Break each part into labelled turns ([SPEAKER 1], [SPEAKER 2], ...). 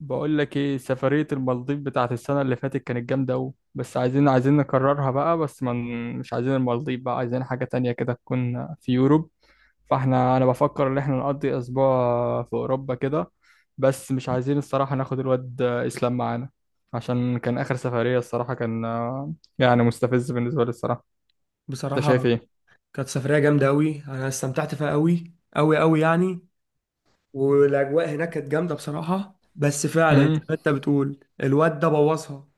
[SPEAKER 1] بقول لك ايه سفرية المالديف بتاعت السنة اللي فاتت كانت جامدة أوي بس عايزين نكررها بقى بس من مش عايزين المالديف بقى عايزين حاجة تانية كده تكون في يوروب. فاحنا انا بفكر ان احنا نقضي اسبوع في اوروبا كده. بس مش عايزين الصراحة ناخد الواد اسلام معانا عشان كان اخر سفرية الصراحة كان يعني مستفز بالنسبة لي الصراحة. انت شايف
[SPEAKER 2] بصراحة، كانت سفرية جامدة أوي. أنا استمتعت فيها أوي أوي أوي يعني، والأجواء هناك كانت جامدة بصراحة، بس فعلا زي
[SPEAKER 1] ايه؟
[SPEAKER 2] ما أنت بتقول الواد ده بوظها.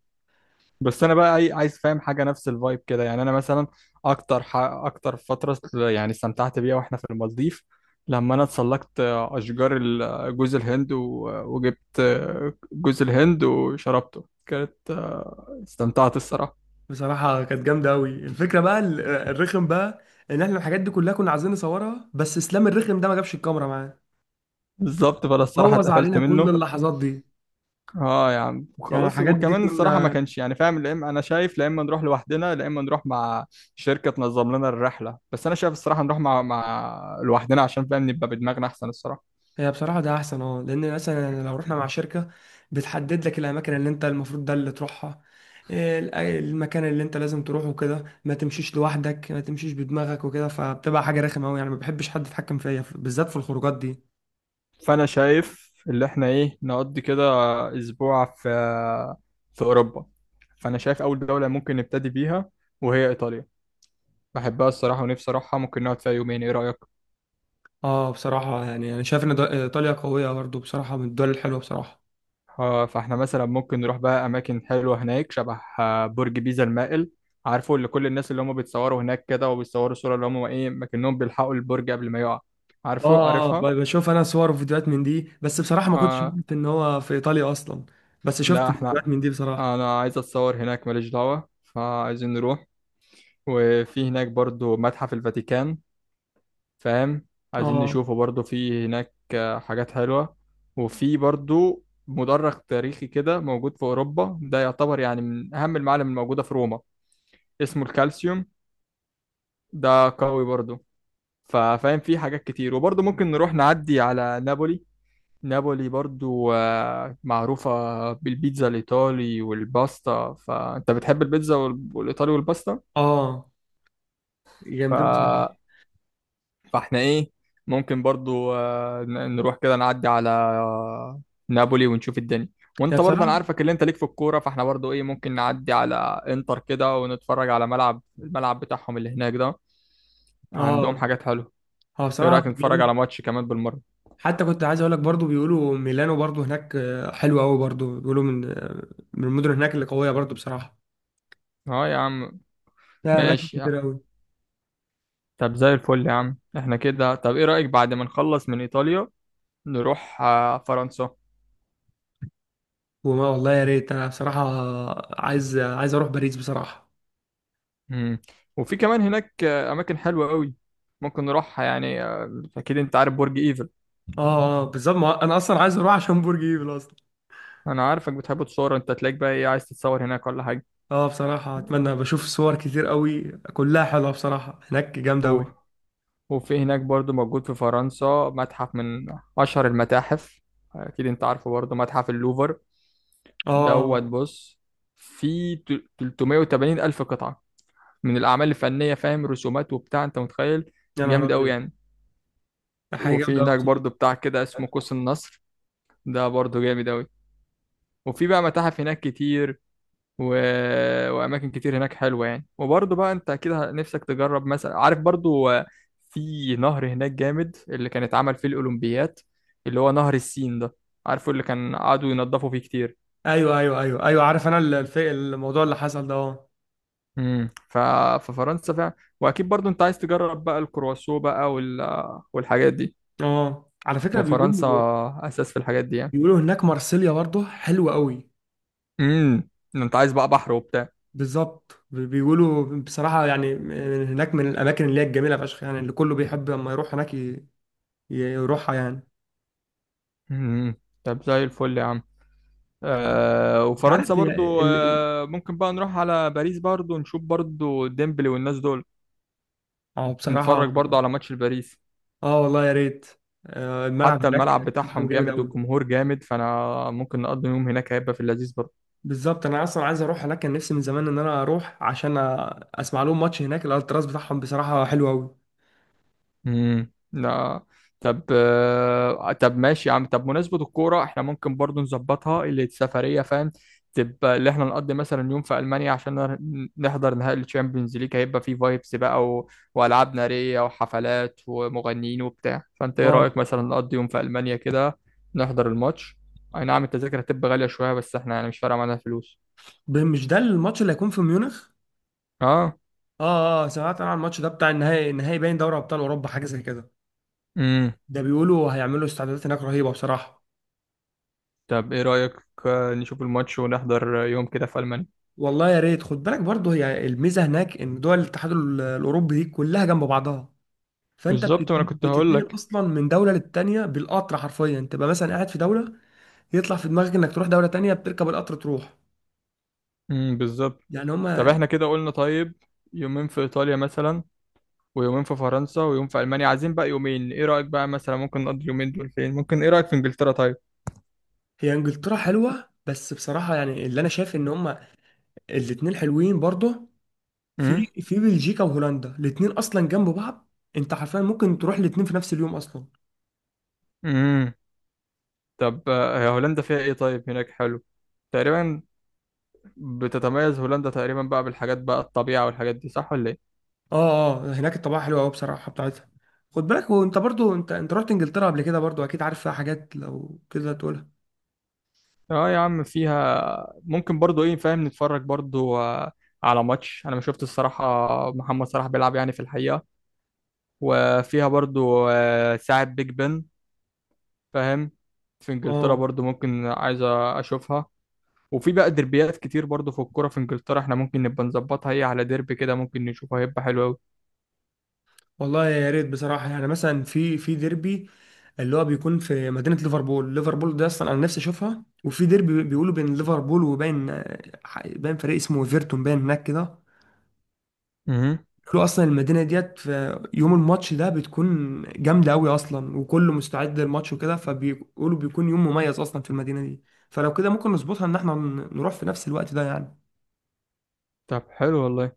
[SPEAKER 1] بس انا بقى عايز فاهم حاجه نفس الفايب كده يعني انا مثلا اكتر اكتر فتره يعني استمتعت بيها واحنا في المالديف. لما انا اتسلقت اشجار جوز الهند وجبت جوز الهند وشربته كانت استمتعت الصراحه.
[SPEAKER 2] بصراحة كانت جامدة أوي. الفكرة بقى الرخم بقى، إن إحنا الحاجات دي كلها كنا عايزين نصورها، بس إسلام الرخم ده ما جابش الكاميرا معاه.
[SPEAKER 1] بالظبط فانا الصراحه
[SPEAKER 2] بوظ
[SPEAKER 1] اتقفلت
[SPEAKER 2] علينا كل
[SPEAKER 1] منه.
[SPEAKER 2] اللحظات دي.
[SPEAKER 1] اه يا عم
[SPEAKER 2] يعني
[SPEAKER 1] وخلاص
[SPEAKER 2] الحاجات دي
[SPEAKER 1] وكمان الصراحه ما
[SPEAKER 2] كنا.
[SPEAKER 1] كانش يعني فاهم لا اما انا شايف لا اما نروح لوحدنا لا اما نروح مع شركه تنظم لنا الرحله بس انا شايف الصراحه نروح مع لوحدنا عشان فاهم نبقى بدماغنا احسن الصراحه.
[SPEAKER 2] هي بصراحة ده أحسن، أه، لأن مثلا لو رحنا مع شركة بتحدد لك الأماكن اللي أنت المفروض ده اللي تروحها. إيه المكان اللي أنت لازم تروحه كده، ما تمشيش لوحدك، ما تمشيش بدماغك وكده، فبتبقى حاجة رخمة أوي يعني. ما بحبش حد يتحكم فيا، بالذات في الخروجات دي.
[SPEAKER 1] فانا شايف اللي احنا ايه نقضي كده اسبوع في اوروبا. فانا شايف اول دولة ممكن نبتدي بيها وهي ايطاليا. بحبها الصراحة ونفسي اروحها ممكن نقعد فيها يومين ايه رأيك؟
[SPEAKER 2] أه بصراحة، يعني أنا شايف إن إيطاليا قوية برضه بصراحة، من الدول الحلوة بصراحة.
[SPEAKER 1] فاحنا مثلا ممكن نروح بقى اماكن حلوة هناك شبه برج بيزا المائل. عارفه اللي كل الناس اللي هم بيتصوروا هناك كده وبيتصوروا صورة اللي هم ايه مكنهم بيلحقوا البرج قبل ما يقع.
[SPEAKER 2] أه
[SPEAKER 1] عارفه
[SPEAKER 2] أه،
[SPEAKER 1] عارفها.
[SPEAKER 2] بشوف أنا صور وفيديوهات من دي، بس بصراحة ما كنتش
[SPEAKER 1] آه
[SPEAKER 2] عارف إن هو في إيطاليا أصلا. بس شفت
[SPEAKER 1] لا
[SPEAKER 2] فيديوهات
[SPEAKER 1] احنا
[SPEAKER 2] من دي بصراحة.
[SPEAKER 1] انا عايز اتصور هناك ماليش دعوة. فعايزين نروح. وفي هناك برضو متحف الفاتيكان فاهم. عايزين
[SPEAKER 2] أه.
[SPEAKER 1] نشوفه برضو في هناك حاجات حلوة. وفي برضو مدرج تاريخي كده موجود في أوروبا ده يعتبر يعني من أهم المعالم الموجودة في روما. اسمه الكالسيوم. ده قوي برضو. ففاهم في حاجات كتير وبرضو ممكن نروح نعدي على نابولي. نابولي برضو معروفة بالبيتزا الإيطالي والباستا. فأنت بتحب البيتزا والإيطالي
[SPEAKER 2] أه جامدين بصراحة.
[SPEAKER 1] والباستا. فاحنا ايه ممكن برضو نروح كده نعدي على نابولي ونشوف الدنيا.
[SPEAKER 2] هي
[SPEAKER 1] وانت برضه انا
[SPEAKER 2] بصراحة.
[SPEAKER 1] عارفك اللي انت ليك في الكوره فاحنا برضو ايه ممكن نعدي على انتر كده ونتفرج على الملعب بتاعهم اللي هناك ده. عندهم
[SPEAKER 2] اه،
[SPEAKER 1] حاجات حلوه.
[SPEAKER 2] هو
[SPEAKER 1] ايه
[SPEAKER 2] بصراحة
[SPEAKER 1] رايك نتفرج
[SPEAKER 2] جامد.
[SPEAKER 1] على ماتش كمان بالمره؟
[SPEAKER 2] حتى كنت عايز اقول لك برضو، بيقولوا ميلانو برضو هناك حلوة قوي برضو، بيقولوا من المدن هناك اللي قوية برضو بصراحة.
[SPEAKER 1] اه يا عم.
[SPEAKER 2] لا، اماكن
[SPEAKER 1] ماشي يا-
[SPEAKER 2] كتير قوي.
[SPEAKER 1] طب زي الفل يا عم احنا كده. طب ايه رايك بعد ما نخلص من ايطاليا نروح فرنسا؟
[SPEAKER 2] وما والله يا ريت، انا بصراحة عايز اروح باريس بصراحة.
[SPEAKER 1] مم. وفي كمان هناك اماكن حلوه قوي ممكن نروحها يعني. اكيد انت عارف برج ايفل.
[SPEAKER 2] اه اه بالظبط، ما انا اصلا عايز اروح عشان برج ايفل اصلا.
[SPEAKER 1] انا عارفك بتحب تصور انت تلاقيك بقى ايه عايز تتصور هناك ولا حاجه؟
[SPEAKER 2] اه بصراحة اتمنى. بشوف صور كتير قوي كلها حلوة بصراحة، هناك جامدة
[SPEAKER 1] و...
[SPEAKER 2] قوي.
[SPEAKER 1] وفي هناك برضو موجود في فرنسا متحف من اشهر المتاحف. اكيد انت عارفه برضو متحف اللوفر
[SPEAKER 2] اه، اه،
[SPEAKER 1] دوت
[SPEAKER 2] آه.
[SPEAKER 1] بص. في 380 الف قطعه من الاعمال الفنيه فاهم رسومات وبتاع انت متخيل.
[SPEAKER 2] يا نهار
[SPEAKER 1] جامد قوي
[SPEAKER 2] ابيض.
[SPEAKER 1] يعني.
[SPEAKER 2] حاجة
[SPEAKER 1] وفي
[SPEAKER 2] جامدة قوي
[SPEAKER 1] هناك برضو
[SPEAKER 2] بصراحة.
[SPEAKER 1] بتاع كده اسمه قوس النصر. ده برضو جامد قوي. وفي بقى متاحف هناك كتير و... واماكن كتير هناك حلوه يعني. وبرضه بقى انت اكيد نفسك تجرب مثلا عارف برضه في نهر هناك جامد اللي كان اتعمل فيه الاولمبيات اللي هو نهر السين ده. عارفه اللي كان قعدوا ينضفوا فيه كتير.
[SPEAKER 2] ايوه، ايوه، ايوه، ايوه، عارف انا الموضوع اللي حصل ده، اه.
[SPEAKER 1] امم ف... ففرنسا فعلا. واكيد برضه انت عايز تجرب بقى الكرواسو بقى والحاجات دي.
[SPEAKER 2] اه، على فكرة
[SPEAKER 1] وفرنسا
[SPEAKER 2] بيقولوا،
[SPEAKER 1] اساس في الحاجات دي يعني.
[SPEAKER 2] هناك مارسيليا برضه حلوة قوي.
[SPEAKER 1] امم انت عايز بقى بحر وبتاع.
[SPEAKER 2] بالظبط، بيقولوا بصراحة، يعني هناك من الأماكن اللي هي الجميلة فشخ يعني، اللي كله بيحب لما يروح هناك، يروحها يعني.
[SPEAKER 1] امم طب زي الفل يا عم.
[SPEAKER 2] أنت
[SPEAKER 1] وفرنسا
[SPEAKER 2] عارف هي ال...
[SPEAKER 1] برضو
[SPEAKER 2] ال-
[SPEAKER 1] ممكن بقى نروح على باريس برضو نشوف برضو ديمبلي والناس دول.
[SPEAKER 2] اه بصراحة.
[SPEAKER 1] نتفرج برضو على ماتش الباريس.
[SPEAKER 2] اه والله يا ريت، الملعب
[SPEAKER 1] حتى
[SPEAKER 2] هناك
[SPEAKER 1] الملعب
[SPEAKER 2] بتاعهم
[SPEAKER 1] بتاعهم
[SPEAKER 2] جامد
[SPEAKER 1] جامد
[SPEAKER 2] قوي.
[SPEAKER 1] والجمهور جامد فانا ممكن نقضي يوم هناك هيبقى في اللذيذ برضو.
[SPEAKER 2] بالظبط، أنا أصلا عايز أروح هناك، كان نفسي من زمان إن أنا أروح عشان أسمع لهم ماتش هناك. الألتراس بتاعهم بصراحة حلو قوي.
[SPEAKER 1] لا. طب طب ماشي يا عم. طب مناسبة الكورة احنا ممكن برضو نظبطها اللي السفرية فاهم. تبقى اللي احنا نقضي مثلا يوم في ألمانيا عشان نحضر نهائي الشامبيونز ليج هيبقى فيه فايبس بقى وألعاب نارية وحفلات ومغنيين وبتاع. فأنت ايه
[SPEAKER 2] اه،
[SPEAKER 1] رأيك مثلا نقضي يوم في ألمانيا كده نحضر الماتش؟ أي نعم التذاكر هتبقى غالية شوية بس احنا يعني مش فارقة معانا الفلوس.
[SPEAKER 2] مش ده الماتش اللي هيكون في ميونخ؟
[SPEAKER 1] اه.
[SPEAKER 2] اه اه، سمعت انا عن الماتش ده بتاع النهائي، النهائي باين دوري ابطال اوروبا حاجه زي كده.
[SPEAKER 1] امم
[SPEAKER 2] ده بيقولوا هيعملوا استعدادات هناك رهيبه بصراحه.
[SPEAKER 1] طب ايه رأيك نشوف الماتش ونحضر يوم كده في ألمانيا؟
[SPEAKER 2] والله يا ريت. خد بالك برضه، هي الميزه هناك ان دول الاتحاد الاوروبي دي كلها جنب بعضها، فانت
[SPEAKER 1] بالظبط ما انا كنت هقول
[SPEAKER 2] بتتنقل
[SPEAKER 1] لك.
[SPEAKER 2] اصلا من دوله للتانيه بالقطر حرفيا. تبقى مثلا قاعد في دوله، يطلع في دماغك انك تروح دوله تانيه، بتركب القطر تروح
[SPEAKER 1] بالظبط.
[SPEAKER 2] يعني.
[SPEAKER 1] طب
[SPEAKER 2] هما.
[SPEAKER 1] احنا كده قلنا طيب يومين في ايطاليا مثلا ويومين في فرنسا ويوم في المانيا. عايزين بقى يومين. ايه رايك بقى مثلا ممكن نقضي اليومين دول فين؟ ممكن ايه رايك في انجلترا طيب؟
[SPEAKER 2] هي انجلترا حلوه، بس بصراحه يعني اللي انا شايف ان هما الاتنين حلوين برضه.
[SPEAKER 1] امم
[SPEAKER 2] في بلجيكا وهولندا، الاتنين اصلا جنب بعض. انت حرفيا ممكن تروح الاتنين في نفس اليوم اصلا.
[SPEAKER 1] امم طب هي هولندا فيها ايه طيب؟ هناك حلو تقريبا. بتتميز هولندا تقريبا بقى بالحاجات بقى الطبيعه والحاجات دي صح ولا ايه؟
[SPEAKER 2] اه اه، هناك الطبيعه حلوه قوي بصراحه بتاعتها. خد بالك، وانت برضو انت رحت انجلترا قبل كده برضو، اكيد عارف فيها حاجات لو كده تقولها.
[SPEAKER 1] اه يا عم. فيها ممكن برضو ايه فاهم نتفرج برضو على ماتش. انا ما شفت الصراحه محمد صلاح بيلعب يعني في الحقيقه. وفيها برضو ساعه بيج بن فاهم. في انجلترا
[SPEAKER 2] اه
[SPEAKER 1] برضو ممكن عايز اشوفها. وفي بقى دربيات كتير برضو في الكوره في انجلترا احنا ممكن نبقى نظبطها هي على ديربي كده ممكن نشوفها هيبقى حلو قوي.
[SPEAKER 2] والله يا ريت بصراحه، يعني مثلا في ديربي اللي هو بيكون في مدينه ليفربول. ليفربول ده اصلا انا نفسي اشوفها. وفي ديربي بيقولوا بين ليفربول وبين باين فريق اسمه ايفرتون، باين هناك كده.
[SPEAKER 1] امم
[SPEAKER 2] كله اصلا المدينه ديت في يوم الماتش ده بتكون جامده قوي اصلا، وكله مستعد للماتش وكده، فبيقولوا بيكون يوم مميز اصلا في المدينه دي. فلو كده ممكن نظبطها ان احنا نروح في نفس الوقت ده يعني.
[SPEAKER 1] طب حلو والله.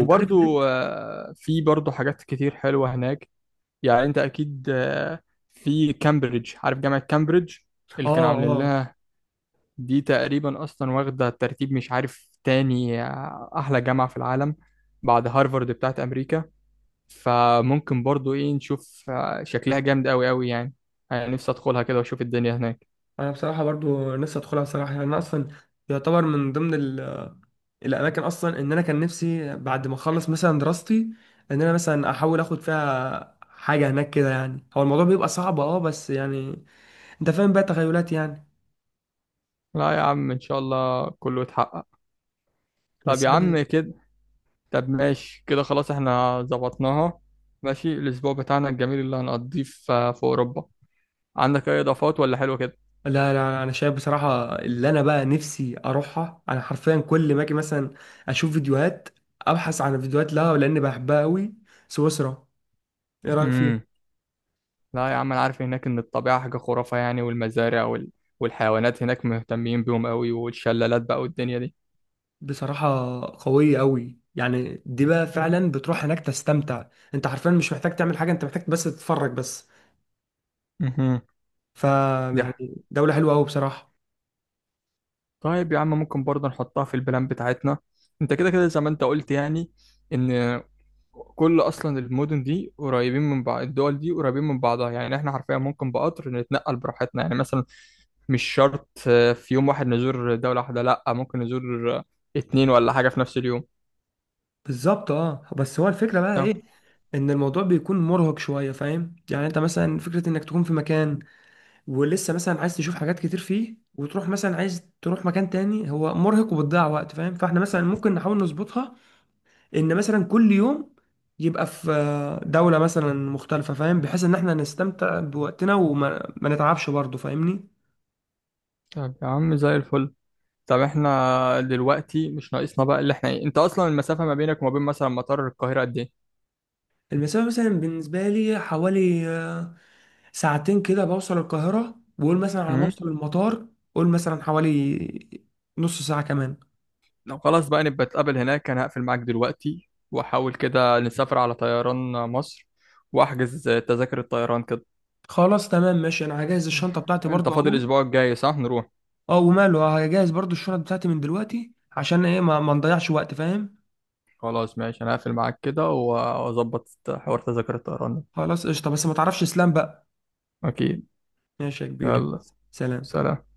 [SPEAKER 2] انت عارف ليه.
[SPEAKER 1] في برضو حاجات كتير حلوه هناك يعني. انت اكيد في كامبريدج عارف جامعه كامبريدج
[SPEAKER 2] اه
[SPEAKER 1] اللي كانوا عاملين
[SPEAKER 2] اه،
[SPEAKER 1] لها. دي تقريبا اصلا واخده ترتيب مش عارف تاني احلى جامعه في العالم بعد هارفارد بتاعت امريكا. فممكن برضو ايه نشوف شكلها جامد قوي قوي يعني. انا نفسي ادخلها كده واشوف الدنيا هناك.
[SPEAKER 2] انا بصراحه برضو نفسي ادخلها بصراحه يعني. انا اصلا يعتبر من ضمن الاماكن اصلا، ان انا كان نفسي بعد ما اخلص مثلا دراستي ان انا مثلا احاول اخد فيها حاجه هناك كده يعني. هو الموضوع بيبقى صعب اه، بس يعني انت فاهم بقى، تخيلات يعني.
[SPEAKER 1] لا يا عم ان شاء الله كله يتحقق. طب
[SPEAKER 2] بس
[SPEAKER 1] يا
[SPEAKER 2] يعني.
[SPEAKER 1] عم كده طب ماشي كده خلاص احنا ظبطناها. ماشي الاسبوع بتاعنا الجميل اللي هنقضيه في اوروبا. عندك اي اضافات ولا حلو كده؟
[SPEAKER 2] لا، لا، لا، انا شايف بصراحه اللي انا بقى نفسي اروحها. انا حرفيا كل ما اجي مثلا اشوف فيديوهات، ابحث عن فيديوهات لها لان بحبها قوي. سويسرا، ايه رايك فيها؟
[SPEAKER 1] امم لا يا عم انا عارف هناك ان الطبيعه حاجه خرافه يعني والمزارع والحيوانات هناك مهتمين بيهم قوي والشلالات بقى والدنيا دي.
[SPEAKER 2] بصراحه، قويه قوي يعني. دي بقى فعلا بتروح هناك تستمتع، انت حرفيا مش محتاج تعمل حاجه، انت محتاج بس تتفرج بس.
[SPEAKER 1] مهم.
[SPEAKER 2] ف
[SPEAKER 1] دي
[SPEAKER 2] يعني دوله حلوه قوي بصراحه.
[SPEAKER 1] طيب يا عم ممكن برضه نحطها في البلان بتاعتنا. انت كده كده زي ما انت قلت يعني ان كل اصلا المدن دي قريبين من بعض. الدول دي قريبين من بعضها يعني احنا حرفيا ممكن بقطر نتنقل براحتنا. يعني مثلا مش شرط في يوم واحد نزور دولة واحدة لا ممكن نزور 2 ولا حاجة في نفس اليوم.
[SPEAKER 2] بالظبط اه، بس هو الفكره بقى
[SPEAKER 1] طب
[SPEAKER 2] ايه، ان الموضوع بيكون مرهق شويه فاهم يعني. انت مثلا فكره انك تكون في مكان ولسه مثلا عايز تشوف حاجات كتير فيه، وتروح مثلا عايز تروح مكان تاني، هو مرهق وبتضيع وقت فاهم. فاحنا مثلا ممكن نحاول نظبطها ان مثلا كل يوم يبقى في دولة مثلا مختلفة، فاهم، بحيث ان احنا نستمتع بوقتنا وما ما نتعبش برضه، فاهمني.
[SPEAKER 1] طب يا عم زي الفل. طب احنا دلوقتي مش ناقصنا بقى اللي احنا ايه. انت اصلا المسافة ما بينك وما بين مثلا مطار القاهرة قد
[SPEAKER 2] المسافة مثلا بالنسبة لي حوالي ساعتين كده، بوصل القاهرة. وقول مثلا على ما
[SPEAKER 1] ايه؟
[SPEAKER 2] اوصل المطار، قول مثلا حوالي نص ساعة كمان.
[SPEAKER 1] لو خلاص بقى نبقى نتقابل هناك. انا هقفل معاك دلوقتي واحاول كده نسافر على طيران مصر واحجز تذاكر الطيران كده.
[SPEAKER 2] خلاص تمام ماشي، انا هجهز الشنطة بتاعتي
[SPEAKER 1] انت
[SPEAKER 2] برضه
[SPEAKER 1] فاضي
[SPEAKER 2] اهو.
[SPEAKER 1] الاسبوع الجاي صح نروح؟
[SPEAKER 2] اه وماله، هجهز برضو الشنط بتاعتي من دلوقتي، عشان ايه ما نضيعش وقت فاهم.
[SPEAKER 1] خلاص ماشي انا هقفل معاك كده واظبط حوار تذاكر الطيران ده.
[SPEAKER 2] خلاص قشطه، بس ما تعرفش اسلام بقى.
[SPEAKER 1] اكيد.
[SPEAKER 2] ماشي يا كبير.
[SPEAKER 1] يلا.
[SPEAKER 2] سلام.
[SPEAKER 1] سلام.